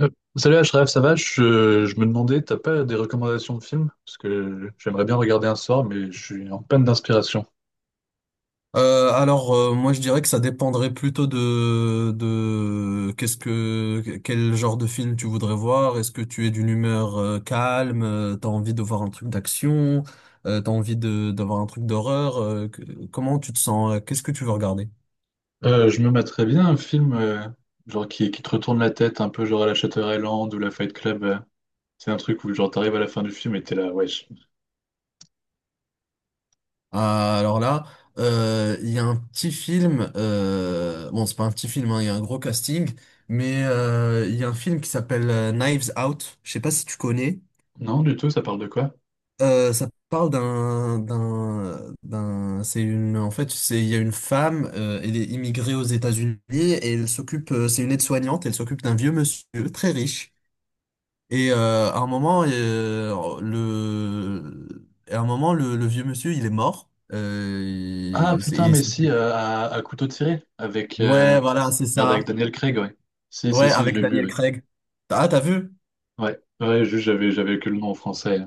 Euh, Salut Ashraf, ça va? Je me demandais, t'as pas des recommandations de films? Parce que j'aimerais bien regarder un soir, mais je suis en peine d'inspiration. Moi je dirais que ça dépendrait plutôt de qu'est-ce que quel genre de film tu voudrais voir. Est-ce que tu es d'une humeur calme, t'as envie de voir un truc d'action, t'as envie de d'avoir un truc d'horreur. Comment tu te sens? Qu'est-ce que tu veux regarder? Je me mettrais bien un film genre qui te retourne la tête, un peu genre à la Shutter Island ou la Fight Club. C'est un truc où genre t'arrives à la fin du film et t'es là, wesh. Ah, alors là, il y a un petit film. Bon, c'est pas un petit film, hein, il y a un gros casting, mais il y a un film qui s'appelle Knives Out. Je sais pas si tu connais. Non, du tout, ça parle de quoi? Ça parle c'est une, en fait, c'est, il y a une femme, elle est immigrée aux États-Unis et elle s'occupe, c'est une aide-soignante, elle s'occupe d'un vieux monsieur très riche. Et à un moment, à un moment, le vieux monsieur, il est mort. Ah putain, mais si, à couteau tiré, avec, Ouais, voilà, c'est merde, avec ça. Daniel Craig, ouais. Si, si, Ouais, si, je avec l'ai vu, Daniel oui. Craig. Ah, t'as vu? Ouais, ouais, juste j'avais que le nom en français.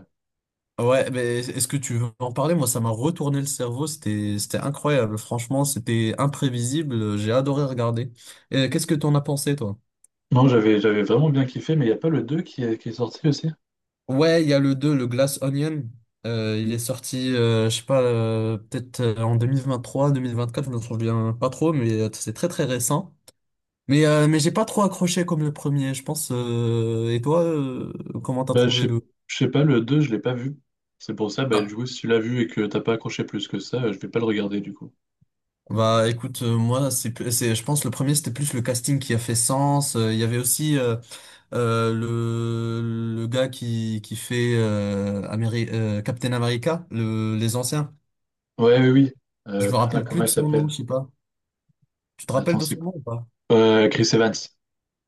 Ouais, mais est-ce que tu veux en parler? Moi, ça m'a retourné le cerveau. C'était incroyable. Franchement, c'était imprévisible. J'ai adoré regarder. Qu'est-ce que t'en as pensé, toi? Non, j'avais vraiment bien kiffé, mais il n'y a pas le 2 qui est sorti aussi? Ouais, il y a le 2 le Glass Onion. Il est sorti, je sais pas, peut-être en 2023, 2024, je me souviens pas trop, mais c'est très très récent. Mais j'ai pas trop accroché comme le premier, je pense. Et toi, comment t'as Bah, je trouvé sais, le... je sais pas, le 2 je l'ai pas vu. C'est pour ça, bah, Ah. du coup, si tu l'as vu et que t'as pas accroché plus que ça, je vais pas le regarder, du coup. Bah écoute, moi, c'est, je pense le premier, c'était plus le casting qui a fait sens. Il y avait aussi... Le gars qui fait Captain America, les anciens. Ouais, oui, oui. Je me Putain, rappelle comment plus de il son nom, s'appelle? je sais pas. Tu te rappelles Attends, de c'est son quoi? nom ou pas? Chris Evans.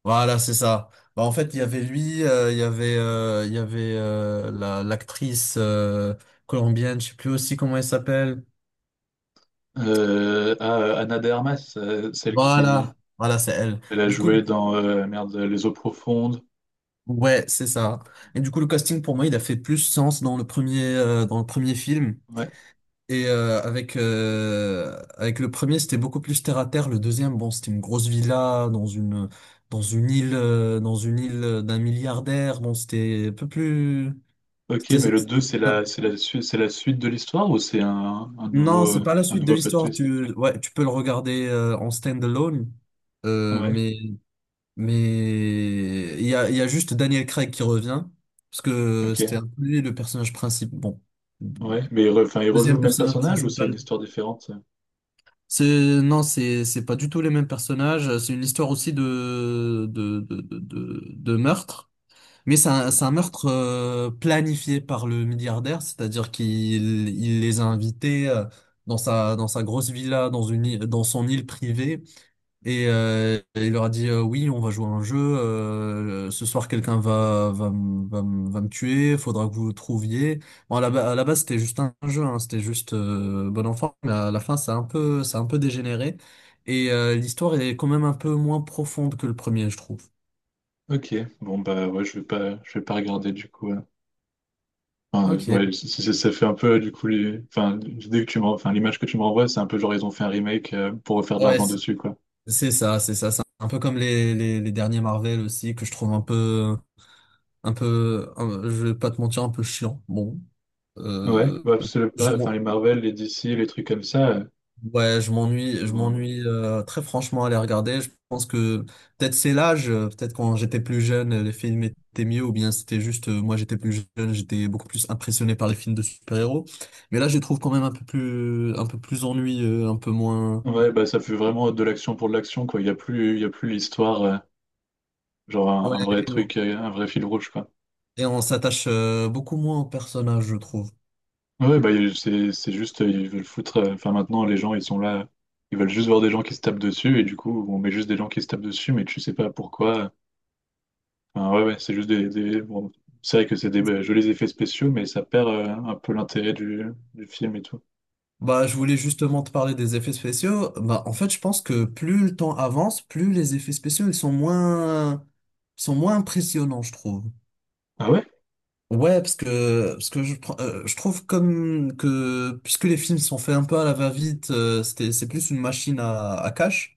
Voilà, c'est ça. Bah, en fait, il y avait lui, il y avait l'actrice colombienne, je sais plus aussi comment elle s'appelle. Ana de Armas, celle qui, Voilà, voilà, c'est elle. elle a Du coup, joué dans, merde, Les Eaux Profondes. ouais, c'est ça. Et du coup, le casting pour moi, il a fait plus sens dans le premier film. Ouais. Et avec le premier, c'était beaucoup plus terre à terre. Le deuxième, bon, c'était une grosse villa dans une île d'un milliardaire. Bon, c'était un peu plus. Ok, c'était- mais le 2 c'est la, Non, c'est la, su- c'est la suite de l'histoire ou c'est un nouveau, non, c'est pas la un suite de nouveau plot l'histoire. twist? Tu Ouais, tu peux le regarder en stand-alone. Euh, Ouais, mais mais il y a juste Daniel Craig qui revient parce que ok, c'était un peu lui le personnage principal. Bon, ouais. Mais il, enfin, il rejoue deuxième le même personnage personnage ou c'est une principal. histoire différente? Ça C'est Non, c'est pas du tout les mêmes personnages. C'est une histoire aussi de meurtre, mais Ouais. c'est un meurtre planifié par le milliardaire, c'est-à-dire qu'il il les a invités dans sa grosse villa, dans son île privée, et il leur a dit oui, on va jouer à un jeu. Ce soir, quelqu'un va me tuer. Faudra que vous le trouviez. Bon, à la base, c'était juste un jeu. Hein, c'était juste bon enfant. Mais à la fin, ça a un peu dégénéré. Et l'histoire est quand même un peu moins profonde que le premier, je trouve. Ok, bon bah ouais, je vais pas regarder du coup. Enfin, ouais, Ok. Ça fait un peu du coup, enfin, l'idée que tu m'en- enfin, l'image que tu me renvoies, c'est un peu genre ils ont fait un remake pour refaire de Ouais, l'argent c'est dessus, quoi. c'est ça, c'est ça. C'est un peu comme les derniers Marvel aussi que je trouve un peu. Je vais pas te mentir, un peu chiant. Bon. Ouais, Euh, bah, c'est le je, pas, enfin, les Marvel, les DC, les trucs comme ça. Ouais, je genre, m'ennuie très franchement à les regarder. Je pense que peut-être c'est l'âge, peut-être quand j'étais plus jeune, les films étaient mieux, ou bien c'était juste moi j'étais plus jeune, j'étais beaucoup plus impressionné par les films de super-héros. Mais là, je les trouve quand même un peu plus ennuyeux, un peu moins. Ouais, bah ça fait vraiment de l'action pour de l'action, quoi. Il y a plus l'histoire. Genre un, Ouais, un vrai truc, un vrai fil rouge, quoi. et on s'attache beaucoup moins aux personnages, je trouve. Ouais, c'est juste, ils veulent foutre. Enfin maintenant, les gens, ils sont là, ils veulent juste voir des gens qui se tapent dessus, et du coup, on met juste des gens qui se tapent dessus, mais tu sais pas pourquoi. Enfin, ouais, ouais, c'est juste bon, c'est vrai que c'est des jolis effets spéciaux, mais ça perd un peu l'intérêt du film et tout. Bah, je voulais justement te parler des effets spéciaux. Bah, en fait, je pense que plus le temps avance, plus les effets spéciaux ils sont moins impressionnants, je trouve. Ah ouais? Ouais, parce que je trouve comme que puisque les films sont faits un peu à la va-vite, c'est plus une machine à cash.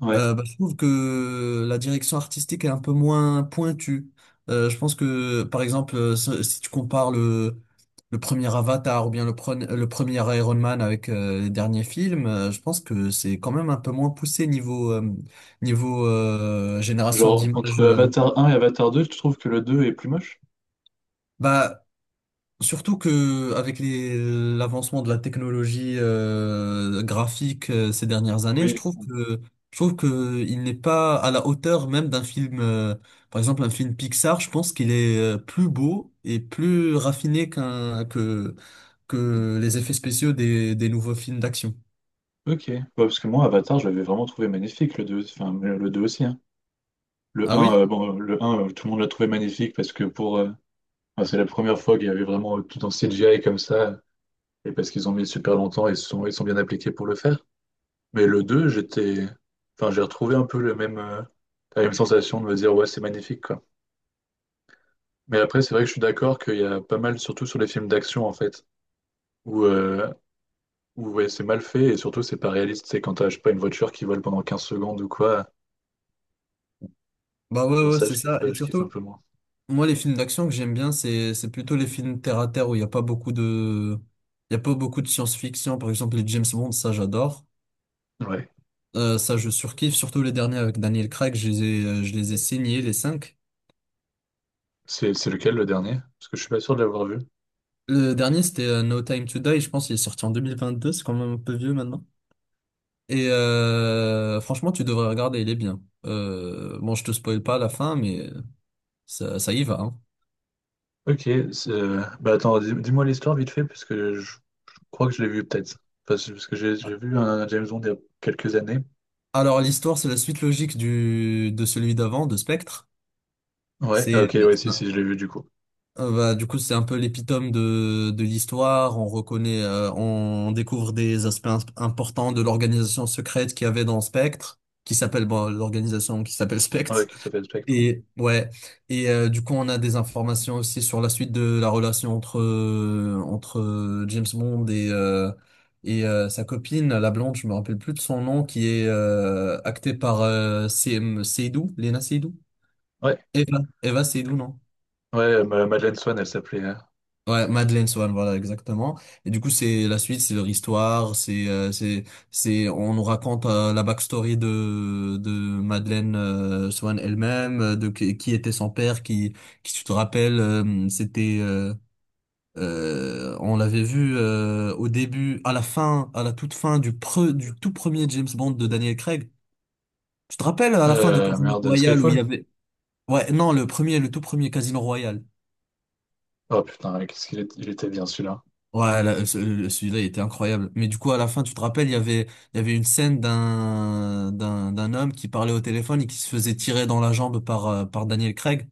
Ouais. Bah, je trouve que la direction artistique est un peu moins pointue. Je pense que par exemple, si tu compares le premier Avatar ou bien le premier Iron Man avec les derniers films, je pense que c'est quand même un peu moins poussé niveau génération Genre d'images. entre Avatar 1 et Avatar 2, tu trouves que le 2 est plus moche? Bah, surtout que avec l'avancement de la technologie graphique ces dernières années, Oui. Je trouve que il n'est pas à la hauteur même d'un film, par exemple un film Pixar. Je pense qu'il est plus beau et plus raffiné qu'un que les effets spéciaux des nouveaux films d'action. Ok. Ouais, parce que moi, Avatar, je l'avais vraiment trouvé magnifique, le 2, enfin le 2 aussi, hein. Le Ah un, oui? Bon, le un, tout le monde l'a trouvé magnifique parce que pour, enfin, c'est la première fois qu'il y avait vraiment tout en CGI comme ça et parce qu'ils ont mis super longtemps et ils sont bien appliqués pour le faire. Mais le 2, j'étais, enfin, j'ai retrouvé un peu le même, la même sensation de me dire ouais, c'est magnifique quoi. Mais après, c'est vrai que je suis d'accord qu'il y a pas mal, surtout sur les films d'action en fait, où, euh, où ouais, c'est mal fait et surtout c'est pas réaliste. C'est quand t'as, je sais pas, une voiture qui vole pendant 15 secondes ou quoi. Bah Alors ouais, ouais, ça, c'est ça. Et je kiffe un surtout, peu moins. moi les films d'action que j'aime bien, c'est plutôt les films terre à terre où il y a pas beaucoup de science-fiction. Par exemple les James Bond, ça j'adore. Ouais. Ça, je surkiffe, surtout les derniers avec Daniel Craig, je les ai signés, les cinq. C'est lequel le dernier? Parce que je suis pas sûr de l'avoir vu. Le dernier, c'était No Time to Die, je pense qu'il est sorti en 2022, c'est quand même un peu vieux maintenant. Et franchement, tu devrais regarder, il est bien. Bon, je te spoil pas la fin, mais ça y va, hein. Ok, bah attends, dis-moi l'histoire vite fait, parce que je crois que je l'ai vu peut-être. Parce que j'ai vu un James Bond il y a quelques années. Alors, l'histoire, c'est la suite logique de celui d'avant, de Spectre. Ouais, ah, ok, C'est euh, ouais, si, si, je l'ai vu du coup. Du coup, c'est un peu l'épitome de l'histoire. On découvre des aspects importants de l'organisation secrète qu'il y avait dans Spectre, qui s'appelle, bon, l'organisation qui s'appelle Ouais, Spectre. qui s'appelle Spectre. Ouais, Et, ouais. Et, du coup, on a des informations aussi sur la suite de la relation entre James Bond et sa copine, la blonde, je me rappelle plus de son nom, qui est, actée par, C M Seydoux, Lena Seydoux. ouais, Eva Seydoux, non? ouais Madeleine Swan, elle s'appelait. Ouais, Madeleine Swan, voilà, exactement. Et du coup, c'est la suite, c'est leur histoire, on nous raconte la backstory de Madeleine Swan elle-même, de qui était son père, qui tu te rappelles, on l'avait vu au début, à la toute fin du tout premier James Bond de Daniel Craig. Tu te rappelles à la fin de Casino Merde, Royale où il y Skyfall? avait, ouais, non, le tout premier Casino Royale. Oh putain, ouais, qu'est-ce qu'il était bien celui-là. Ouais, là, celui-là, il était incroyable. Mais du coup, à la fin, tu te rappelles, il y avait une scène d'un homme qui parlait au téléphone et qui se faisait tirer dans la jambe par Daniel Craig.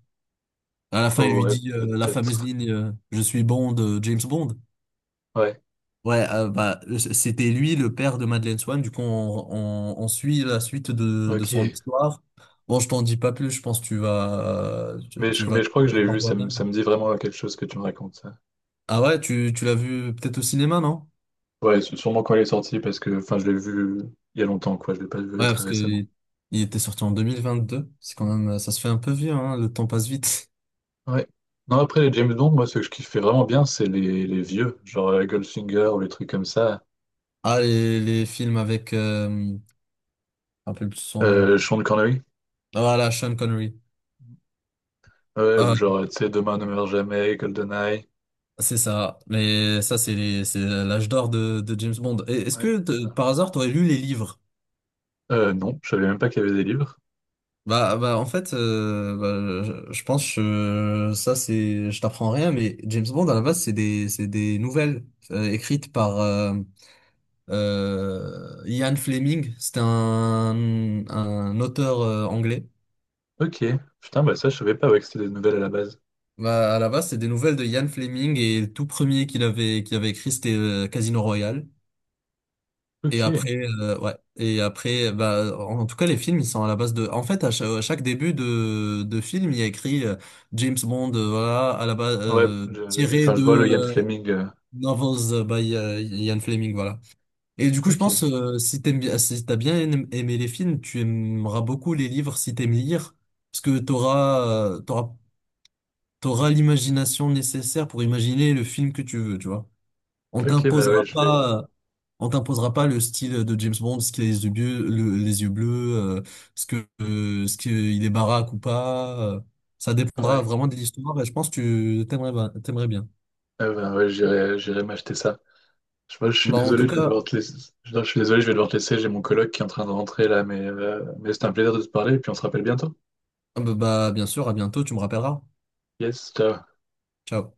À la fin, il Oh, lui ouais, dit la fameuse peut-être. ligne Je suis Bond, James Bond. Ouais, Ouais, bah, c'était lui, le père de Madeleine Swan. Du coup, on suit la suite de son ok. histoire. Bon, je t'en dis pas plus, je pense que Mais je crois tu que vas je le l'ai vu, voir toi-même. ça me dit vraiment quelque chose que tu me racontes, ça. Ah ouais, tu l'as vu peut-être au cinéma, non? Ouais, sûrement quand elle est sortie, parce que enfin, je l'ai vu il y a longtemps, quoi, je l'ai pas vu Ouais, très parce que récemment. Il était sorti en 2022. C'est quand même, ça se fait un peu vieux, hein. Le temps passe vite. Ouais. Non, après les James Bond, moi, ce que je kiffais vraiment bien, c'est les vieux, genre Goldfinger ou les trucs comme ça. Ah, les films avec, je me rappelle plus son nom. Sean Connery, Ah, voilà, Sean Connery. ouais, ou Ah, genre, tu sais, Demain ne meurt jamais, GoldenEye. c'est ça. Mais ça, c'est l'âge d'or de James Bond. Et est-ce Ouais. que par hasard, t'aurais lu les livres? Non, je savais même pas qu'il y avait des livres. Bah, en fait, je pense que je t'apprends rien, mais James Bond à la base, c'est des nouvelles écrites par Ian Fleming, c'était un auteur anglais. Ok, putain, bah ça, je savais pas ouais, que c'était des nouvelles à la base. Bah, à la base, c'est des nouvelles de Ian Fleming et le tout premier qu'il avait écrit, c'était Casino Royale. Et Ok, après, ouais. Et après, bah, en tout cas, les films, ils sont à la base de. En fait, à chaque, début de film, il y a écrit James Bond, voilà, à la base ouais, tiré enfin, je de vois le Ian Fleming. Novels by Ian Fleming, voilà. Et du coup, je Ok, pense, si t'aimes bien, si aimé les films, tu aimeras beaucoup les livres si t'aimes lire, parce que euh, t'auras, t'auras l'imagination nécessaire pour imaginer le film que tu veux, tu vois. On ok, bah ouais, t'imposera je vais. pas, euh, on t'imposera pas le style de James Bond, ce qui a les yeux bleus, euh, ce qu'il est baraque ou pas. Ça dépendra Ouais, vraiment de l'histoire, et je pense que t'aimerais bien. ah bah ouais, j'irai m'acheter ça. Je, moi, je suis Bah, en tout désolé, je vais cas, devoir te laisser. Je suis désolé, je vais devoir te laisser. J'ai mon coloc qui est en train de rentrer là, mais c'était un plaisir de te parler et puis on se rappelle bientôt. Bien sûr, à bientôt, tu me rappelleras. Yes, ciao. Ciao.